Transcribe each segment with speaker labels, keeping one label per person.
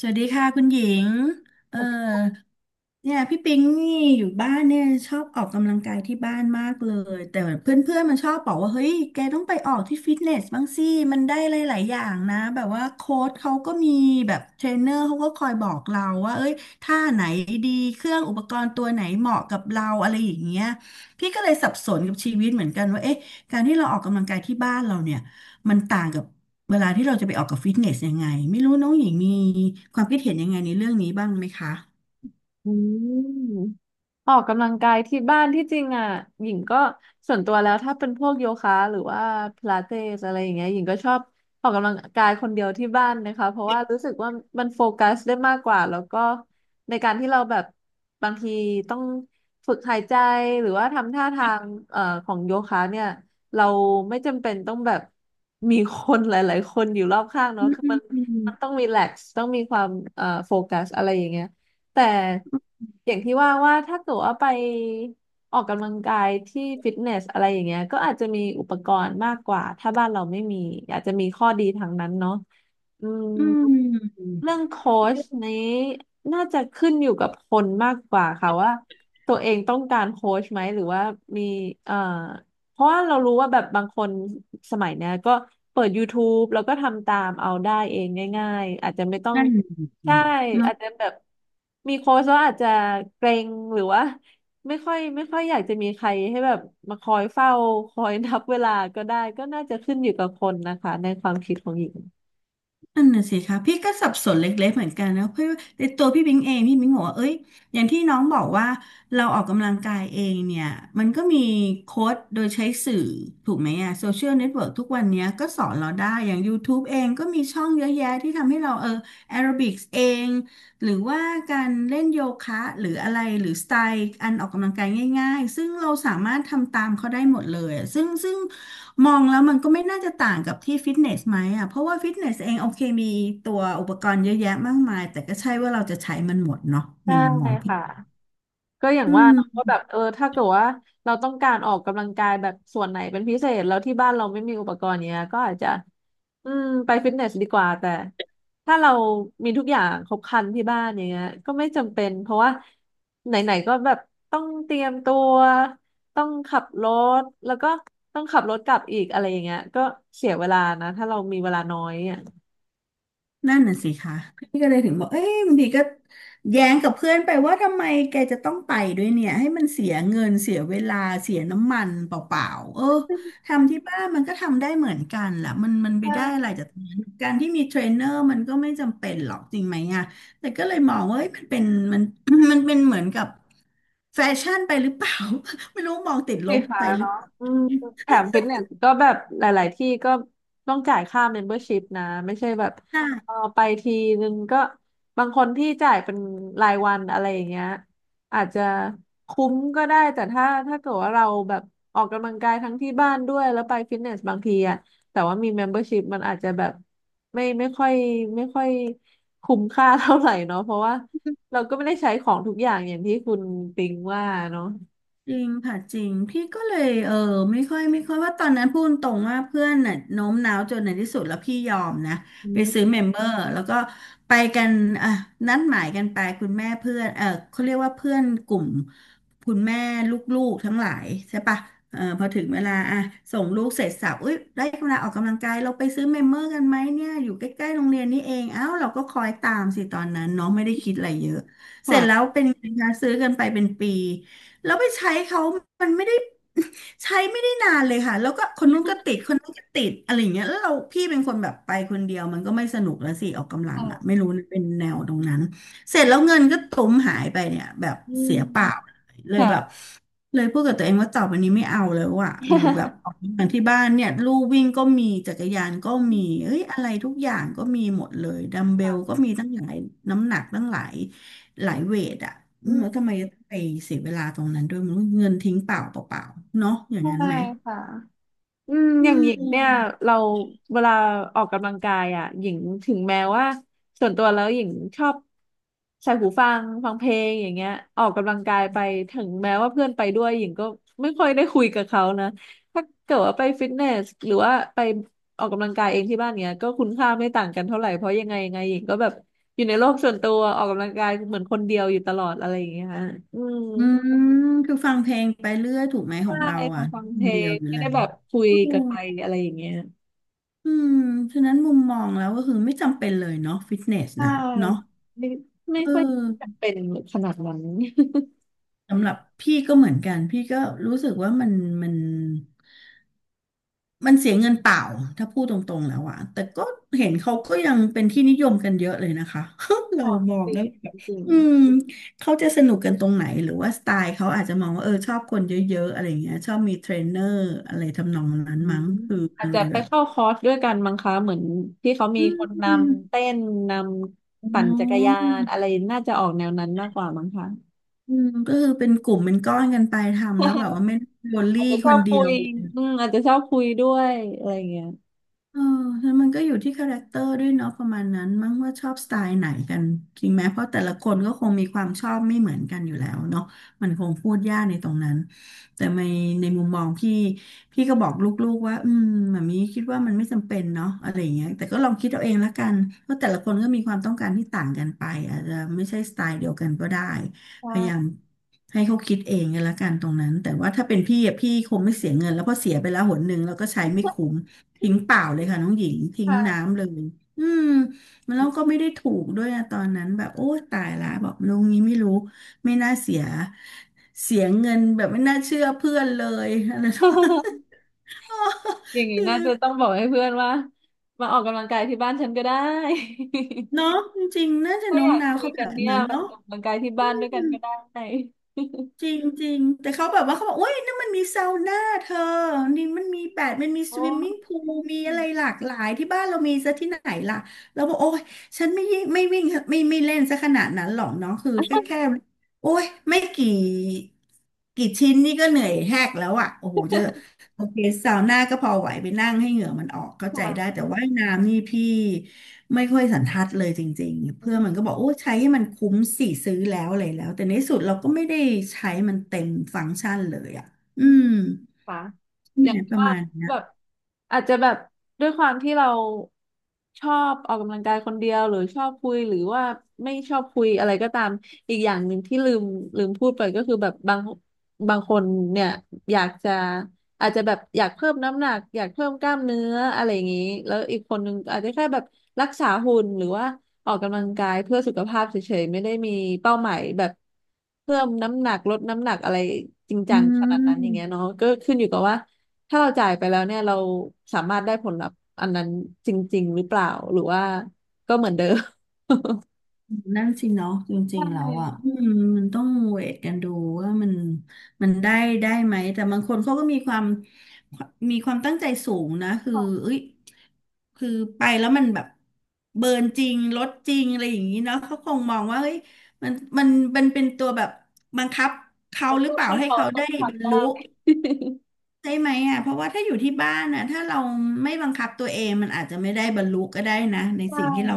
Speaker 1: สวัสดีค่ะคุณหญิงเออเนี่ยพี่ปิงนี่อยู่บ้านเนี่ยชอบออกกำลังกายที่บ้านมากเลยแต่เพื่อนๆมันชอบบอกว่าเฮ้ยแกต้องไปออกที่ฟิตเนสบ้างสิมันได้หลายๆอย่างนะแบบว่าโค้ชเขาก็มีแบบเทรนเนอร์เขาก็คอยบอกเราว่าเอ้ยท่าไหนดีเครื่องอุปกรณ์ตัวไหนเหมาะกับเราอะไรอย่างเงี้ยพี่ก็เลยสับสนกับชีวิตเหมือนกันว่าเอ๊ะการที่เราออกกำลังกายที่บ้านเราเนี่ยมันต่างกับ เวลาที่เราจะไปออกกับฟิตเนสยังไงไม่รู้น้องหญิงมีความคิดเห็นยังไงในเรื่องนี้บ้างไหมคะ
Speaker 2: อืมออกกำลังกายที่บ้านที่จริงอ่ะหญิงก็ส่วนตัวแล้วถ้าเป็นพวกโยคะหรือว่าพิลาเตสอะไรอย่างเงี้ยหญิงก็ชอบออกกำลังกายคนเดียวที่บ้านนะคะเพราะว่ารู้สึกว่ามันโฟกัสได้มากกว่าแล้วก็ในการที่เราแบบบางทีต้องฝึกหายใจหรือว่าทำท่าทางเอ่อของโยคะเนี่ยเราไม่จำเป็นต้องแบบมีคนหลายๆคนอยู่รอบข้าง
Speaker 1: อื
Speaker 2: เนาะคือมันต้
Speaker 1: ม
Speaker 2: องรีแลกซ์ต้องมีความโฟกัสอะไรอย่างเงี้ย แต่อย่างที่ว่าว่าถ้าเกิดว่าไปออกกำลังกายที่ฟิตเนสอะไรอย่างเงี้ยก็อาจจะมีอุปกรณ์มากกว่าถ้าบ้านเราไม่มีอาจจะมีข้อดีทางนั้นเนาะอืม
Speaker 1: อืม
Speaker 2: เรื่องโค้ชนี้น่าจะขึ้นอยู่กับคนมากกว่าค่ะว่าตัวเองต้องการโค้ชไหมหรือว่ามีเอ่อ เพราะว่าเรารู้ว่าแบบบางคนสมัยเนี้ยก็เปิด YouTube แล้วก็ทำตามเอาได้เองง่ายๆอาจจะไม่ต้อง
Speaker 1: นั่นสิ
Speaker 2: ใช่
Speaker 1: เน
Speaker 2: อาจจะแบบมีโค้ชแล้วอาจจะเกรงหรือว่าไม่ค่อยอยากจะมีใครให้แบบมาคอยเฝ้าคอยนับเวลาก็ได้ก็น่าจะขึ้นอยู่กับคนนะคะในความคิดของหญิง
Speaker 1: นั่นน่ะสิคะพี่ก็สับสนเล็กๆเหมือนกันนะเพราะว่าในตัวพี่บิงเองพี่บิงบอกว่าเอ้ยอย่างที่น้องบอกว่าเราออกกำลังกายเองเนี่ยมันก็มีโค้ชโดยใช้สื่อถูกไหมอะโซเชียลเน็ตเวิร์กทุกวันเนี้ยก็สอนเราได้อย่าง YouTube เองก็มีช่องเยอะแยะที่ทำให้เราเออแอโรบิกส์เองหรือว่าการเล่นโยคะหรืออะไรหรือสไตล์อันออกกำลังกายง่ายๆซึ่งเราสามารถทำตามเขาได้หมดเลยอะซึ่ง มองแล้วมันก็ไม่น่าจะต่างกับที่ฟิตเนสไหมอ่ะเพราะว่าฟิตเนสเองโอเคมีตัวอุปกรณ์เยอะแยะมากมายแต่ก็ใช่ว่าเราจะใช้มันหมดเนาะใน
Speaker 2: ใช่
Speaker 1: มุมมองพี่
Speaker 2: ค่ะ ก็อย่าง
Speaker 1: อื
Speaker 2: ว่าเราก็
Speaker 1: ม
Speaker 2: แบบเออถ้าเกิดว่าเราต้องการออกกำลังกายแบบส่วนไหนเป็นพิเศษแล้วที่บ้านเราไม่มีอุปกรณ์เนี้ยก็อาจจะอืมไปฟิตเนสดีกว่าแต่ถ้าเรามีทุกอย่างครบครันที่บ้านอย่างเงี้ยก็ไม่จำเป็นเพราะว่าไหนๆก็แบบต้องเตรียมตัวต้องขับรถแล้วก็ต้องขับรถกลับอีกอะไรอย่างเงี้ยก็เสียเวลานะถ้าเรามีเวลาน้อยอ่ะ
Speaker 1: นั่นน่ะสิคะพี่ก็เลยถึงบอกเอ้ยบางทีก็แย้งกับเพื่อนไปว่าทำไมแกจะต้องไปด้วยเนี่ยให้มันเสียเงินเสียเวลาเสียน้ำมันเปล่าๆเออทำที่บ้านมันก็ทำได้เหมือนกันแหละมันไปได้อะ
Speaker 2: ใช่
Speaker 1: ไรจากตรงนั้นการที่มีเทรนเนอร์มันก็ไม่จำเป็นหรอกจริงไหมอะแต่ก็เลยมองว่าเอ้ยมันเป็นมัน มันเป็นเหมือนกับแฟชั่นไปหรือเปล่า ไม่รู้มองติดล
Speaker 2: สี
Speaker 1: บ
Speaker 2: ฟ้า
Speaker 1: ไปหรือ
Speaker 2: เนาะ
Speaker 1: เปล่า
Speaker 2: อืมแถมฟิตเนสก็แบบหลายๆที่ก็ต้องจ่ายค่าเมมเบอร์ชิพนะไม่ใช่แบบ
Speaker 1: ใช่
Speaker 2: เออไปทีนึงก็บางคนที่จ่ายเป็นรายวันอะไรอย่างเงี้ยอาจจะคุ้มก็ได้แต่ถ้าเกิดว่าเราแบบออกกำลังกายทั้งที่บ้านด้วยแล้วไปฟิตเนสบางทีอะแต่ว่ามี membership มมเบอร์ชิพมันอาจจะแบบไม่ไม่ค่อยไม่ค่อยคุ้มค่าเท่าไหร่เนาะเพราะว่าเราก็ไม่ได้ใช้ของทุกอย่างอย่างที่คุณปิงว่าเนาะ
Speaker 1: จริงค่ะจริงพี่ก็เลยเออไม่ค่อยว่าตอนนั้นพูดตรงว่าเพื่อนน่ะโน้มน้าวจนในที่สุดแล้วพี่ยอมนะไปซื้อ
Speaker 2: อ
Speaker 1: เมมเบอร์แล้วก็ไปกันอ่ะนัดหมายกันไปคุณแม่เพื่อนเออเขาเรียกว่าเพื่อนกลุ่มคุณแม่ลูกๆทั้งหลายใช่ปะเออพอถึงเวลาอ่ะส่งลูกเสร็จสับอุ้ยได้เวลาออกกำลังกายเราไปซื้อเมมเบอร์กันไหมเนี่ยอยู่ใกล้ๆโรงเรียนนี่เองอ้าวเราก็คอยตามสิตอนนั้นเน้องไม่ได้คิดอะไรเยอะเสร็จแล้วเป็นไงคะซื้อกันไปเป็นปี แล้วไปใช้เขามันไม่ได้ ใช้ไม่ได้นานเลยค่ะ แล้วก็คนนู้นก็ติดคนนั้นก็ติดอะไรอย่างเงี้ยแล้วเราพี่เป็นคนแบบไปคนเดียวมันก็ไม่สนุกแล้วสิออกกำลังอ่ะไม่รู้นะเป็นแนวตรงนั้นเสร็จแล้วเงินก็ตุ้มหายไปเนี่ยแบบ
Speaker 2: ืม
Speaker 1: เสียเปล่าเลย
Speaker 2: ค่ะ
Speaker 1: แบบเลยพูดกับตัวเองว่าต่อไปนี้ไม่เอาแล้วอ่ะหรือแบบออกกำลังที่บ้านเนี่ยลู่วิ่งก็มีจักรยานก็มีเอ้ยอะไรทุกอย่างก็มีหมดเลยดัมเบ
Speaker 2: ค่ะ
Speaker 1: ลก็มีตั้งหลายน้ำหนักตั้งหลาย หลายเวทอ่ะ
Speaker 2: อื
Speaker 1: อืมแล้ว
Speaker 2: ม
Speaker 1: ทำไมต้องไปเสียเวลาตรงนั้นด้วยมันเงินทิ้งเปล่าเปล่าๆเนาะอย่างนั้น
Speaker 2: ใช่
Speaker 1: ไหม
Speaker 2: ค่ะอืม
Speaker 1: อื
Speaker 2: อย่างหญิงเนี่
Speaker 1: ม
Speaker 2: ยเราเวลาออกกำลังกายอ่ะหญิงถึงแม้ว่าส่วนตัวแล้วหญิงชอบใส่หูฟังฟังเพลงอย่างเงี้ยออกกำลังกายไปถึงแม้ว่าเพื่อนไปด้วยหญิงก็ไม่ค่อยได้คุยกับเขานะถ้าเกิดว่าไปฟิตเนสหรือว่าไปออกกำลังกายเองที่บ้านเนี้ยก็คุณค่าไม่ต่างกันเท่าไหร่เพราะยังไงหญิงก็แบบอยู่ในโลกส่วนตัวออกกำลังกายเหมือนคนเดียวอยู่ตลอดอะไรอย่างเงี้ยฮะอืม
Speaker 1: อืมคือฟังเพลงไปเรื่อยถูกไหมข
Speaker 2: ใช่
Speaker 1: องเรา
Speaker 2: พอ
Speaker 1: อ่ะ
Speaker 2: ฟัง
Speaker 1: ค
Speaker 2: เพ
Speaker 1: น
Speaker 2: ล
Speaker 1: เดียว
Speaker 2: ง
Speaker 1: อยู่
Speaker 2: ไม่
Speaker 1: แล้
Speaker 2: ได้แบ
Speaker 1: ว
Speaker 2: บคุย
Speaker 1: อื
Speaker 2: กับ
Speaker 1: ม
Speaker 2: ใครอะไรอย่างเงี้ย
Speaker 1: อืมฉะนั้นมุมมองแล้วก็คือไม่จำเป็นเลยเนาะฟิตเนส
Speaker 2: ใช่
Speaker 1: นะเนาะ
Speaker 2: ไม่ไม่
Speaker 1: เอ
Speaker 2: ค่อยจะ
Speaker 1: อ
Speaker 2: เป็นขนาดนั้น
Speaker 1: สำหรับพี่ก็เหมือนกันพี่ก็รู้สึกว่ามัน มันเสียเงินเปล่าถ้าพูดตรงๆแล้วอะแต่ก็เห็นเขาก็ยังเป็นที่นิยมกันเยอะเลยนะคะ เรา
Speaker 2: ค่ะ
Speaker 1: มอ
Speaker 2: จ
Speaker 1: ง
Speaker 2: ริง
Speaker 1: แล้วแบบ
Speaker 2: จริง
Speaker 1: อืมเขาจะสนุกกันตรงไหนหรือว่าสไตล์เขาอาจจะมองว่าเออชอบคนเยอะๆอะไรอย่างเงี้ยชอบมีเทรนเนอร์อะไรทำนองนั้น
Speaker 2: อืม
Speaker 1: มั้งคือ
Speaker 2: อา
Speaker 1: มั
Speaker 2: จ
Speaker 1: นเล
Speaker 2: จะ
Speaker 1: ย
Speaker 2: ไป
Speaker 1: แบบ
Speaker 2: เข้าคอร์สด้วยกันมั้งคะเหมือนที่เขามี
Speaker 1: อื
Speaker 2: คน
Speaker 1: ม
Speaker 2: นำเต้นน
Speaker 1: อ๋
Speaker 2: ำปั่นจักรยา
Speaker 1: อ
Speaker 2: นอะไรน่าจะออกแนวนั้นมากกว่ามั้งคะ
Speaker 1: อืมก็คือเป็นกลุ่มเป็นก้อนกันไปทำแล้วแบบ ว่าไม่ได้โดนลี่
Speaker 2: อาจจะช
Speaker 1: ค
Speaker 2: อ
Speaker 1: น
Speaker 2: บ
Speaker 1: เดี
Speaker 2: คุ
Speaker 1: ยว
Speaker 2: ยอืมอาจจะชอบคุยด้วยอะไรอย่างเงี้ย
Speaker 1: เออแล้วมันก็อยู่ที่คาแรคเตอร์ด้วยเนาะประมาณนั้นมั้งว่าชอบสไตล์ไหนกันจริงไหมเพราะแต่ละคนก็คงมีความชอบไม่เหมือนกันอยู่แล้วเนาะมันคงพูดยากในตรงนั้นแต่ในมุมมองพี่พี่ก็บอกลูกๆว่าแบบนี้คิดว่ามันไม่จำเป็นเนาะอะไรอย่างเงี้ยแต่ก็ลองคิดเอาเองละกันเพราะแต่ละคนก็มีความต้องการที่ต่างกันไปอาจจะไม่ใช่สไตล์เดียวกันก็ได้พยายาม
Speaker 2: ค่ะ
Speaker 1: ให้เขาคิดเองกันละกันตรงนั้นแต่ว่าถ้าเป็นพี่อะพี่คงไม่เสียเงินแล้วเพอเสียไปแล้วหนหนึ่งแล้วก็ใช้ไม่คุ้ม ทิ้งเปล่าเลยค่ะน้องหญิง ทิ้ง
Speaker 2: ค่ะ
Speaker 1: น้ำเลยอืมมันแล้วก็ไม่ได้ถูกด้วยอะตอนนั้นแบบโอ้ตายละบอกลุงนี้ไม่รู้ไม่น่าเสียเสียเงินแบบไม่น่าเชื่อเพื่อนเลยอะไร
Speaker 2: อย่าง นี้
Speaker 1: คื
Speaker 2: น่า
Speaker 1: อ
Speaker 2: จะต้องบอกให้เพื่อนว่ามาออกกำลังกายที่บ้านฉันก็ได้
Speaker 1: เนาะจริงๆน่า จะ
Speaker 2: ถ้า
Speaker 1: โน้
Speaker 2: อ
Speaker 1: ม
Speaker 2: ยาก
Speaker 1: น้าว
Speaker 2: คุย
Speaker 1: เขาแบ
Speaker 2: กัน
Speaker 1: บ
Speaker 2: เนี่ย
Speaker 1: นั้น
Speaker 2: มา
Speaker 1: เนาะ
Speaker 2: ออกกำลังกายที่บ้านด้วยกันก็ได้
Speaker 1: จริงจริงแต่เขาแบบว่าเขาบอกโอ้ยนั่นมันมีซาวน่าเธอนี่มันมีแปดมันมี ส
Speaker 2: โอ้
Speaker 1: วิมมิ่งพูลมีอะไรหลากหลายที่บ้านเรามีซะที่ไหนล่ะเราบอกโอ้ยฉันไม่ยิ่งไม่วิ่งไม่เล่นซะขนาดนั้นหรอกเนาะคือแค่โอ้ยไม่กี่กี่ชิ้นนี่ก็เหนื่อยแหกแล้วอ่ะโอ้โหจะโอเคซาวน่าก็พอไหวไปนั่งให้เหงื่อมันออกเข้าใจได้
Speaker 2: ค่ะ
Speaker 1: แต่ว่ายน้ำนี่พี่ ไม่ค่อยสันทัดเลยจริงๆ เพื่อนมัน
Speaker 2: อื
Speaker 1: ก็บอกโอ้ใช้ให้มันคุ้มสี่ซื้อแล้วอะไรแล้วแต่ในที่สุดเราก็ไม่ได้ใช้มันเต็มฟังก์ชันเลยอ่ะอื
Speaker 2: ม
Speaker 1: ม
Speaker 2: ค่ะอ
Speaker 1: ใ่
Speaker 2: ย่า
Speaker 1: ห
Speaker 2: ง
Speaker 1: มป
Speaker 2: ที่
Speaker 1: ระ
Speaker 2: ว่า
Speaker 1: มาณเนี้
Speaker 2: แบ
Speaker 1: ย
Speaker 2: บ อาจจะแบบด้วยความที่เราชอบออกกำลังกายคนเดียวหรือชอบคุยหรือว่าไม่ชอบคุยอะไรก็ตามอีกอย่างหนึ่งที่ลืมพูดไปก็คือแบบบางคนเนี่ยอยากจะอาจจะแบบอยากเพิ่มน้ำหนักอยากเพิ่มกล้ามเนื้ออะไรอย่างนี้แล้วอีกคนหนึงอาจจะแค่แบบรักษาหุ่นหรือว่า ออกกำลังกายเพื่อสุขภาพเฉยๆไม่ได้มีเป้าหมายแบบเพิ่มน้ำหนักลดน้ำหนักอะไรจริงจั
Speaker 1: อื
Speaker 2: งขนาดนั้นอย่างเงี้ย
Speaker 1: ม
Speaker 2: เนาะก็ขึ้นอยู่กับว่าถ้าเราจ่ายไปแล้วเนี่ยเราสามารถได้ผลลัพธ์อันนั้นจริงๆหรือเปล่าหรือว่าก็เหมือนเดิม
Speaker 1: นั่นสิเนาะจริ
Speaker 2: ใ
Speaker 1: งๆแล้วอ่ะ
Speaker 2: ช
Speaker 1: อืมมันต้องเวทกันดูว่ามันได้ไหมแต่บางคนเขาก็มีความตั้งใจสูงนะคือเอ้ยคือไปแล้วมันแบบเบิร์นจริงลดจริงอะไรอย่างนี้เนาะเขาคงมองว่าเฮ้ยมันมันมันเป็นตัวแบบบังคับเขาหรือเปล่าให้เขาได้บรรลุ ใช่ไหมอ่ะเพราะว่าถ้าอยู่ที่บ้านนะถ้าเราไม่บังคับตัวเองมันอาจจะไม่ได้บรรลุก็ได้นะใน
Speaker 2: ่
Speaker 1: สิ่ง ที่เรา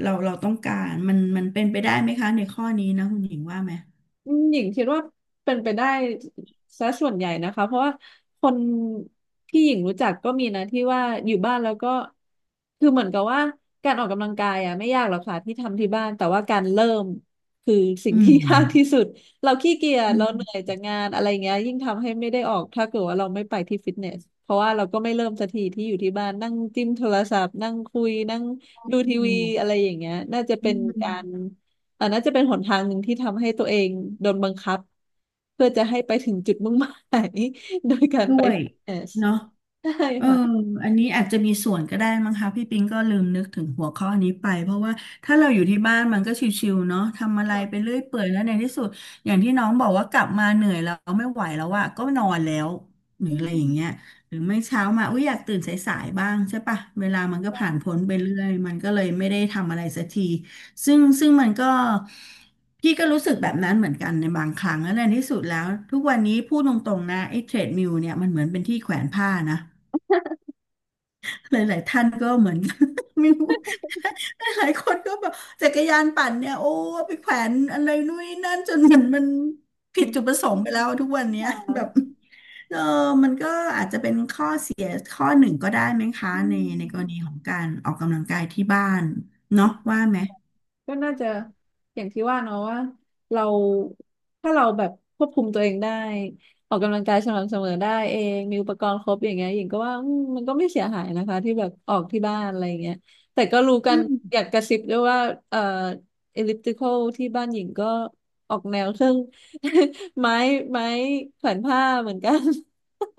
Speaker 1: เราเราต้องการมันเป็นไปได้ไหมคะในข้อนี้นะคุณหญิงว่าไหม
Speaker 2: อืมหญิงคิดว่าเป็นไปได้ซะส่วนใหญ่นะคะเพราะว่าคนที่หญิงรู้จักก็มีนะที่ว่าอยู่บ้านแล้วก็คือเหมือนกับว่าการออกกำลังกายอ่ะไม่ยากหรอกค่ะที่ทำที่บ้านแต่ว่าการเริ่มคือสิ่ง
Speaker 1: อื
Speaker 2: ที่
Speaker 1: ม
Speaker 2: ยากที่สุด เราขี้เกียจเราเหนื่อยจากงานอะไรเงี้ยยิ่งทำให้ไม่ได้ออกถ้าเกิดว่าเราไม่ไปที่ฟิตเนสเพราะว่าเราก็ไม่เริ่มสักทีที่อยู่ที่บ้านนั่งจิ้มโทรศัพท์นั่งคุยนั่งดูทีวีอะไรอย่างเงี้ยน่าจะเป็นการ อันน่าจะเป็นหนทางหนึ่งที่ทำให้ตัวเองโดนบังคับเพื่อจะให้ไปถึงจุดมุ่งหมาย โดยการ
Speaker 1: ด้
Speaker 2: ไป
Speaker 1: วย
Speaker 2: ฟิตเนส
Speaker 1: เนาะ
Speaker 2: ใช่
Speaker 1: เออ
Speaker 2: ค่ะ
Speaker 1: อันนี้อาจจะมีส่วนก็ได้มั้งคะพี่ปิงก็ลืมนึกถึงหัวข้อนี้ไปเพราะว่าถ้าเราอยู่ที่บ้านมันก็ชิวๆเนาะทำอะไรไปเรื่อยเปื่อยแล้วในที่สุดอย่างที่น้องบอกว่ากลับมาเหนื่อยแล้วไม่ไหวแล้วอะก็นอนแล้วหรือ
Speaker 2: อื
Speaker 1: อะไรอ
Speaker 2: ม
Speaker 1: ย่างเงี้ย หรือไม่เช้ามาอุ้ยอยากตื่นสายๆบ้างใช่ปะเวลามันก็ผ่านพ้นไปเรื่อยมันก็เลยไม่ได้ทำอะไรสักทีซึ่งมันก็พี่ก็รู้สึกแบบนั้นเหมือนกันในบางครั้งแล้วในที่สุดแล้วทุกวันนี้พูดตรงๆนะไอ้เทรดมิลเนี่ยมันเหมือนเป็นที่แขวนผ้านะหลายๆท่านก็เหมือน ไม่รู้หลายๆคนก็แบบจักรยานปั่นเนี่ยโอ้ไปแขวนอะไรนู่นนี่นั่นจนมัน
Speaker 2: อื
Speaker 1: ผิดจุดป
Speaker 2: ม
Speaker 1: ระสงค์ไปแล้วทุกวันเนี้ย
Speaker 2: ค่
Speaker 1: แบบ
Speaker 2: ะ
Speaker 1: ข้อหนึ่งก็ได้ไหมคะ
Speaker 2: อื
Speaker 1: ใน
Speaker 2: ม
Speaker 1: กรณีของการออกกำลังกายที่บ้านเนาะว่าไหม
Speaker 2: ก็น่าจะอย่างที่ว่าเนาะว่าเราถ้าเราแบบควบคุมตัวเองได้ออกกำลังกายสม่ำเสมอได้เองมีอุปกรณ์ครบอย่างเงี้ยหญิงก็ว่าอืมมันก็ไม่เสียหายนะคะที่แบบออกที่บ้านอะไรอย่างเงี้ยแต่ก็รู้กั
Speaker 1: อื
Speaker 2: น
Speaker 1: ม
Speaker 2: อยากกระซิบด้วยว่าเอ่อเอลิปติคอลที่บ้านหญิงก็ออกแนวเครื่อง ไม้ไม้แขวนผ้าเหมือนกัน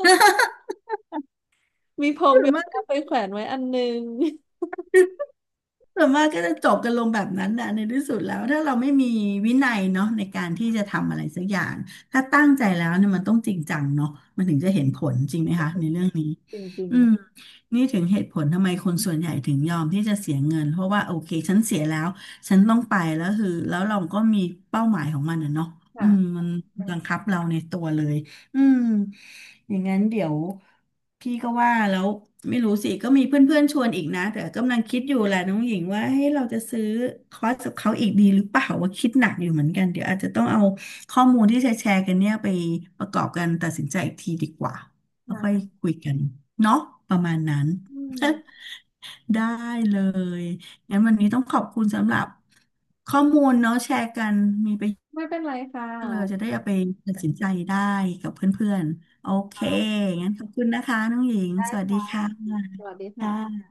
Speaker 2: มีพรม
Speaker 1: ส่วน
Speaker 2: โย
Speaker 1: มากก็
Speaker 2: คะไปแขวนไว้อันนึง
Speaker 1: ส่วนมากก็จะจบกันลงแบบนั้นนะในที่สุดแล้วถ้าเราไม่มีวินัยเนาะในการที่จะทำอะไรสักอย่างถ้าตั้งใจแล้วเนี่ยมันต้องจริงจังเนาะมันถึงจะเห็นผลจริง
Speaker 2: ถึ
Speaker 1: ไห
Speaker 2: ง
Speaker 1: ม
Speaker 2: จะ
Speaker 1: คะ
Speaker 2: เห็
Speaker 1: ใน
Speaker 2: น
Speaker 1: เรื่องนี้
Speaker 2: จริง
Speaker 1: อืมนี่ถึงเหตุผลทำไมคนส่วนใหญ่ถึงยอมที่จะเสียเงินเพราะว่าโอเคฉันเสียแล้วฉันต้องไปแล้วคือแล้วเราก็มีเป้าหมายของมันนะเนาะ
Speaker 2: ๆ
Speaker 1: อื
Speaker 2: ค่ะ
Speaker 1: มมันบังคับเราในตัวเลย อืมอย่างนั้นเดี๋ยวพี่ก็ว่าแล้วไม่รู้สิก็มีเพื่อนๆชวนอีกนะแต่กำลังคิดอยู่แหละน้องหญิงว่าให้ยเราจะซื้อคอร์สกับเขาอีกดีหรือเปล่าว่าคิดหนักอยู่เหมือนกันเดี๋ยวอาจจะต้องเอาข้อมูลที่แชร์ๆกันเนี่ยไปประกอบกันตัดสินใจอีกทีดีกว่าแล้วค่อย
Speaker 2: ค่ะ
Speaker 1: คุยกันเนาะประมาณนั้น
Speaker 2: อืม
Speaker 1: ได้เลยงั้นวันนี้ต้องขอบคุณสำหรับข้อมูลเนาะแชร์กันมีประโยชน์
Speaker 2: ไม่เป็นไรค่ะ
Speaker 1: เราจะได้เอาไปตัดสินใจได้กับเพื่อนๆโอเค
Speaker 2: ครับ
Speaker 1: งั้นขอบคุณนะคะน้องหญิง
Speaker 2: ได้
Speaker 1: สวัสดี
Speaker 2: ค่ะ
Speaker 1: ค่ะ
Speaker 2: สวัสดีค่ะ
Speaker 1: ค่ะ